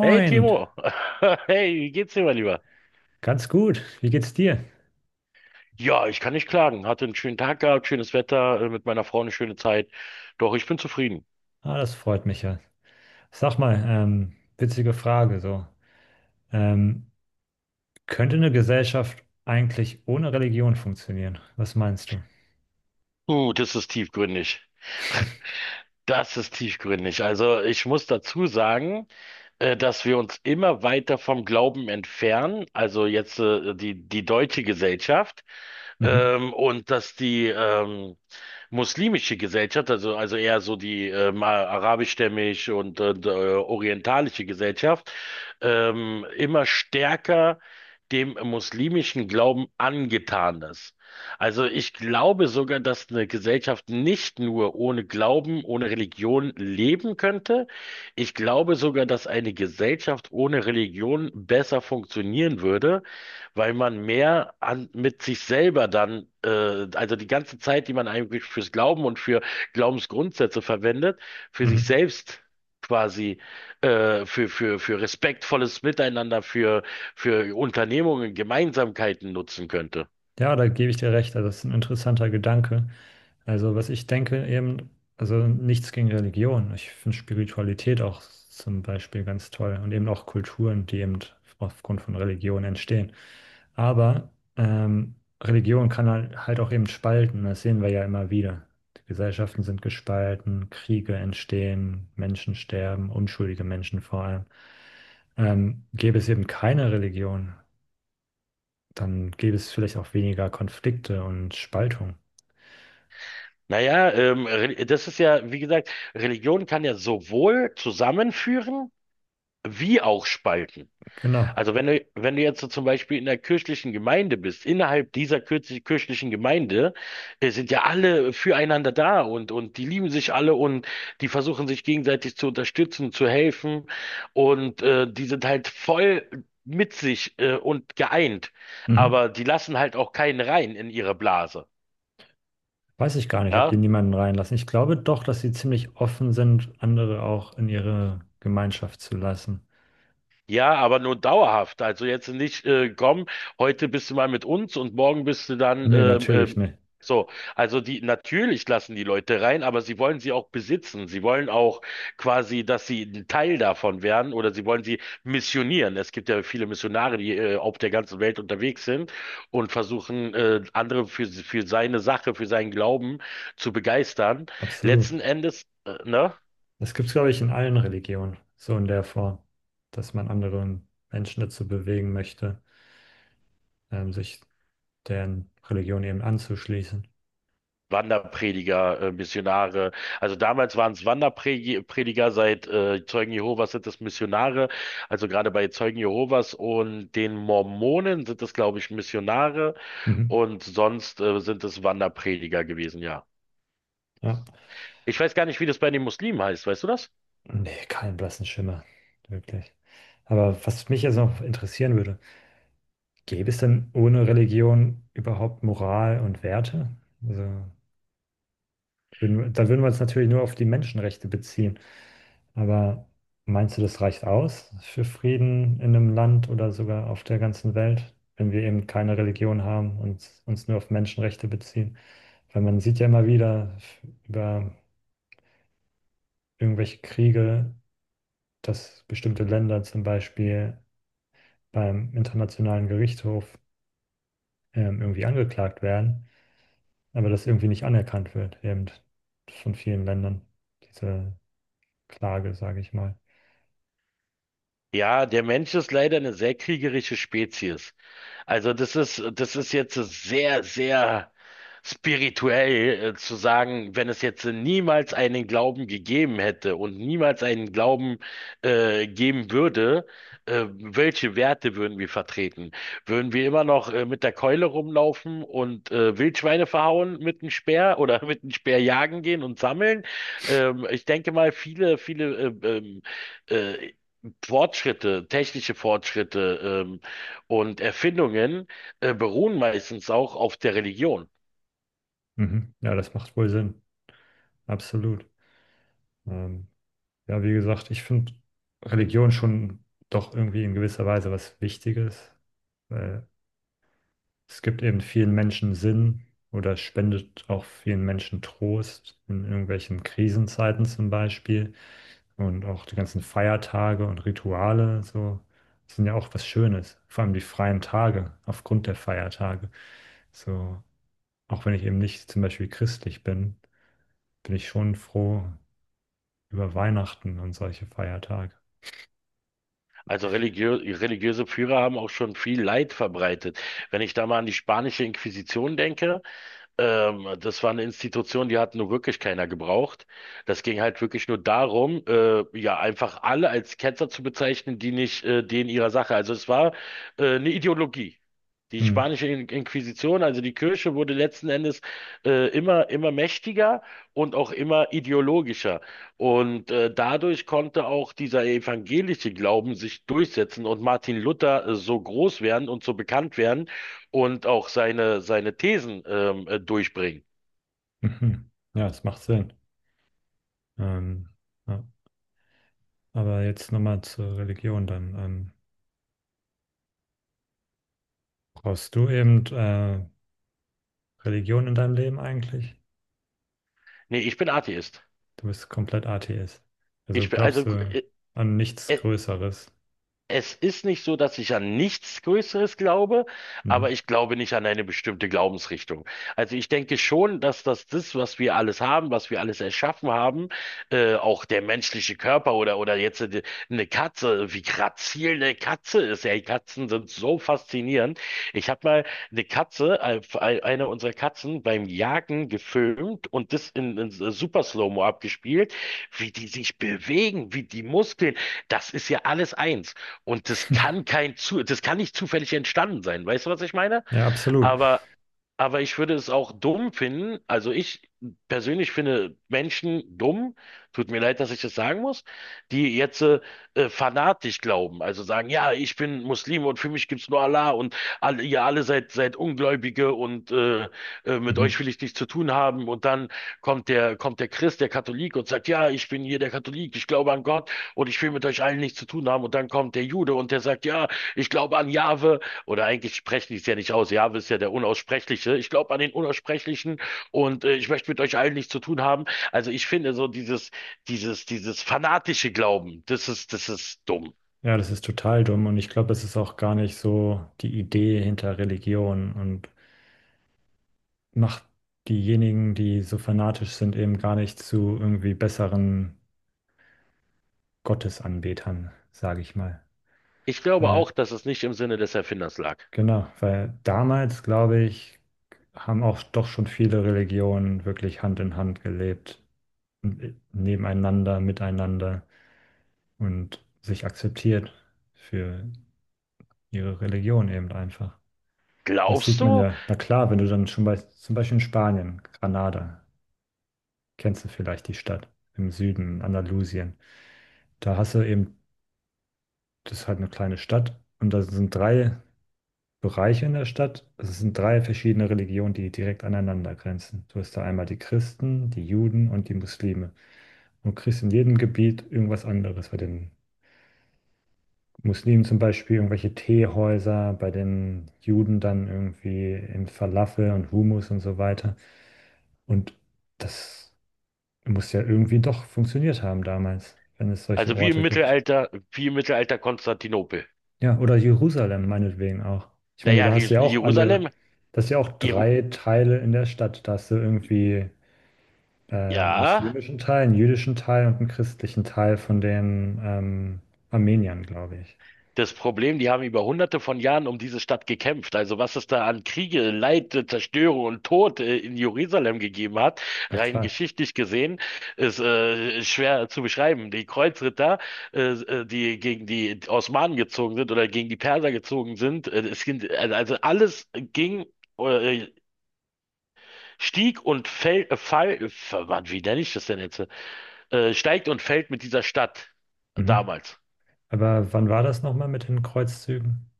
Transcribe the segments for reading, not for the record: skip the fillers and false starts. Hey Timo, hey, wie geht's dir, mein Lieber? ganz gut. Wie geht's dir? Ja, ich kann nicht klagen. Hatte einen schönen Tag gehabt, schönes Wetter, mit meiner Frau eine schöne Zeit. Doch, ich bin zufrieden. Ah, das freut mich ja. Sag mal, witzige Frage so. Ähm, Könnte eine Gesellschaft eigentlich ohne Religion funktionieren? Was meinst du? Das ist tiefgründig. Das ist tiefgründig. Also ich muss dazu sagen, dass wir uns immer weiter vom Glauben entfernen, also jetzt die deutsche Gesellschaft, Mhm. Und dass die muslimische Gesellschaft, also eher so die arabischstämmig und orientalische Gesellschaft, immer stärker dem muslimischen Glauben angetan ist. Also ich glaube sogar, dass eine Gesellschaft nicht nur ohne Glauben, ohne Religion leben könnte. Ich glaube sogar, dass eine Gesellschaft ohne Religion besser funktionieren würde, weil man mehr an, mit sich selber dann, also die ganze Zeit, die man eigentlich fürs Glauben und für Glaubensgrundsätze verwendet, für sich Mhm. selbst quasi für respektvolles Miteinander, für Unternehmungen, Gemeinsamkeiten nutzen könnte. Ja, da gebe ich dir recht. Also das ist ein interessanter Gedanke. Also was ich denke eben, also nichts gegen Religion. Ich finde Spiritualität auch zum Beispiel ganz toll und eben auch Kulturen, die eben aufgrund von Religion entstehen. Aber ähm, Religion kann halt auch eben spalten. Das sehen wir ja immer wieder. Die Gesellschaften sind gespalten, Kriege entstehen, Menschen sterben, unschuldige Menschen vor allem. Gäbe es eben keine Religion, dann gäbe es vielleicht auch weniger Konflikte und Spaltung. Naja, das ist ja, wie gesagt, Religion kann ja sowohl zusammenführen wie auch spalten. Genau. Also wenn du jetzt so zum Beispiel in der kirchlichen Gemeinde bist, innerhalb dieser kirchlichen Gemeinde, sind ja alle füreinander da und die lieben sich alle und die versuchen sich gegenseitig zu unterstützen, zu helfen und die sind halt voll mit sich und geeint. Mhm. Aber die lassen halt auch keinen rein in ihre Blase. Weiß ich gar nicht, ob die Ja, niemanden reinlassen. Ich glaube doch, dass sie ziemlich offen sind, andere auch in ihre Gemeinschaft zu lassen. ja, aber nur dauerhaft. Also jetzt nicht, komm, heute bist du mal mit uns und morgen bist du dann, Nee, natürlich nicht. so. Also die, natürlich lassen die Leute rein, aber sie wollen sie auch besitzen. Sie wollen auch quasi, dass sie ein Teil davon werden oder sie wollen sie missionieren. Es gibt ja viele Missionare, die auf der ganzen Welt unterwegs sind und versuchen, andere für seine Sache, für seinen Glauben zu begeistern. Absolut. Letzten Endes, ne? Das gibt es, glaube ich, in allen Religionen, so in der Form, dass man andere Menschen dazu bewegen möchte, sich deren Religion eben anzuschließen. Wanderprediger, Missionare. Also damals waren es Wanderprediger, seit Zeugen Jehovas sind es Missionare. Also gerade bei Zeugen Jehovas und den Mormonen sind es, glaube ich, Missionare Mhm. und sonst sind es Wanderprediger gewesen, ja. Ja. Ich weiß gar nicht, wie das bei den Muslimen heißt, weißt du das? Nee, keinen blassen Schimmer. Wirklich. Aber was mich jetzt noch interessieren würde: Gäbe es denn ohne Religion überhaupt Moral und Werte? Also, da würden wir uns natürlich nur auf die Menschenrechte beziehen. Aber meinst du, das reicht aus für Frieden in einem Land oder sogar auf der ganzen Welt, wenn wir eben keine Religion haben und uns nur auf Menschenrechte beziehen? Weil man sieht ja immer wieder über irgendwelche Kriege, dass bestimmte Länder zum Beispiel beim Internationalen Gerichtshof irgendwie angeklagt werden, aber das irgendwie nicht anerkannt wird, eben von vielen Ländern, diese Klage, sage ich mal. Ja, der Mensch ist leider eine sehr kriegerische Spezies. Also das ist jetzt sehr, sehr spirituell zu sagen, wenn es jetzt niemals einen Glauben gegeben hätte und niemals einen Glauben geben würde, welche Werte würden wir vertreten? Würden wir immer noch mit der Keule rumlaufen und Wildschweine verhauen mit dem Speer oder mit dem Speer jagen gehen und sammeln? Ich denke mal, viele äh, Fortschritte, technische Fortschritte, und Erfindungen beruhen meistens auch auf der Religion. Mhm. Ja, das macht wohl Sinn, absolut. Ähm, ja, wie gesagt, ich finde Religion schon doch irgendwie in gewisser Weise was Wichtiges, weil: Es gibt eben vielen Menschen Sinn oder spendet auch vielen Menschen Trost in irgendwelchen Krisenzeiten zum Beispiel. Und auch die ganzen Feiertage und Rituale, so, sind ja auch was Schönes. Vor allem die freien Tage aufgrund der Feiertage. So, auch wenn ich eben nicht zum Beispiel christlich bin, bin ich schon froh über Weihnachten und solche Feiertage. Also religiöse Führer haben auch schon viel Leid verbreitet. Wenn ich da mal an die spanische Inquisition denke. Das war eine Institution, die hat nur wirklich keiner gebraucht. Das ging halt wirklich nur darum, ja, einfach alle als Ketzer zu bezeichnen, die nicht denen ihrer Sache. Also es war eine Ideologie. Die Hm. spanische Inquisition, also die Kirche, wurde letzten Endes immer mächtiger und auch immer ideologischer. Und dadurch konnte auch dieser evangelische Glauben sich durchsetzen und Martin Luther so groß werden und so bekannt werden, und auch seine Thesen durchbringen. Mhm. Ja, das macht Sinn. Ähm, ja. Aber jetzt nochmal zur Religion dann. Brauchst du eben Religion in deinem Leben eigentlich? Nee, ich bin Atheist. Du bist komplett Atheist. Also Ich bin, also, glaubst du äh, an nichts äh, Größeres? Es ist nicht so, dass ich an nichts Größeres glaube, aber Mhm. ich glaube nicht an eine bestimmte Glaubensrichtung. Also ich denke schon, dass das, was wir alles haben, was wir alles erschaffen haben, auch der menschliche Körper oder jetzt eine Katze, wie grazil eine Katze ist. Ja, die Katzen sind so faszinierend. Ich habe mal eine Katze, eine unserer Katzen beim Jagen gefilmt und das in Super Slow-Mo abgespielt, wie die sich bewegen, wie die Muskeln. Das ist ja alles eins. Und das kann kein zu, das kann nicht zufällig entstanden sein. Weißt du, was ich meine? Ja, absolut. Aber aber ich würde es auch dumm finden, also ich persönlich finde Menschen dumm, tut mir leid, dass ich das sagen muss, die jetzt fanatisch glauben, also sagen, ja, ich bin Muslim und für mich gibt's nur Allah und ihr alle seid Ungläubige und mit euch Mhm. will ich nichts zu tun haben und dann kommt der Christ, der Katholik und sagt, ja, ich bin hier der Katholik, ich glaube an Gott und ich will mit euch allen nichts zu tun haben und dann kommt der Jude und der sagt, ja, ich glaube an Jahwe oder eigentlich sprechen die es ja nicht aus. Jahwe ist ja der Unaussprechliche. Ich glaube an den Unaussprechlichen und ich möchte mit euch allen nichts zu tun haben. Also ich finde so dieses fanatische Glauben, das ist dumm. Ja, das ist total dumm und ich glaube, es ist auch gar nicht so die Idee hinter Religion und macht diejenigen, die so fanatisch sind, eben gar nicht zu irgendwie besseren Gottesanbetern, sage ich mal. Ich glaube Weil, auch, dass es nicht im Sinne des Erfinders lag. genau, weil damals, glaube ich, haben auch doch schon viele Religionen wirklich Hand in Hand gelebt, nebeneinander, miteinander und sich akzeptiert für ihre Religion eben einfach. Das Glaubst sieht man du? ja, na klar, wenn du dann schon zum Beispiel in Spanien, Granada, kennst du vielleicht die Stadt im Süden, in Andalusien, da hast du eben, das ist halt eine kleine Stadt und da sind drei Bereiche in der Stadt. Also es sind drei verschiedene Religionen, die direkt aneinander grenzen. Du hast da einmal die Christen, die Juden und die Muslime. Und du kriegst in jedem Gebiet irgendwas anderes. Bei den Muslimen zum Beispiel irgendwelche Teehäuser, bei den Juden dann irgendwie in Falafel und Hummus und so weiter. Und das muss ja irgendwie doch funktioniert haben damals, wenn es solche Also Orte gibt. Wie im Mittelalter Konstantinopel. Ja, oder Jerusalem meinetwegen auch. Ich meine, Naja, da hast du ja auch alle, Jerusalem, das ist ja auch Jeru drei Teile in der Stadt. Da hast du irgendwie einen ja. muslimischen Teil, einen jüdischen Teil und einen christlichen Teil von den Armeniern, glaube ich. Das Problem, die haben über hunderte von Jahren um diese Stadt gekämpft. Also was es da an Kriege, Leid, Zerstörung und Tod in Jerusalem gegeben hat, Na rein klar. geschichtlich gesehen, ist schwer zu beschreiben. Die Kreuzritter, die gegen die Osmanen gezogen sind oder gegen die Perser gezogen sind, also alles ging, äh, stieg und fällt, fall, wie nenne ich das denn jetzt? Steigt und fällt mit dieser Stadt Mhm. damals. Aber wann war das nochmal mit den Kreuzzügen?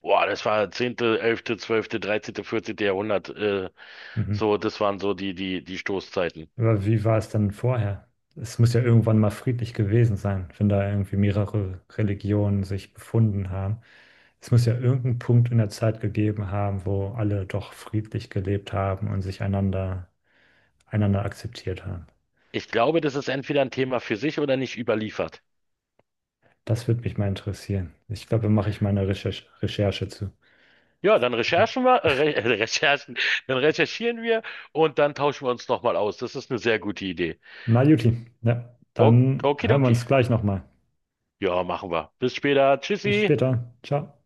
Boah, das war 10., 11., 12., 13., 14. Jahrhundert. Mhm. so, das waren so die Stoßzeiten. Aber wie war es denn vorher? Es muss ja irgendwann mal friedlich gewesen sein, wenn da irgendwie mehrere Religionen sich befunden haben. Es muss ja irgendeinen Punkt in der Zeit gegeben haben, wo alle doch friedlich gelebt haben und sich einander, einander akzeptiert haben. Ich glaube, das ist entweder ein Thema für sich oder nicht überliefert. Das würde mich mal interessieren. Ich glaube, da mache ich meine Recherche zu. Ja, dann recherchen wir, Re Recherchen, dann recherchieren wir und dann tauschen wir uns nochmal aus. Das ist eine sehr gute Idee. Na, Juti, ja, dann hören wir Okidoki. uns gleich nochmal. Ja, machen wir. Bis später. Bis Tschüssi. später. Ciao.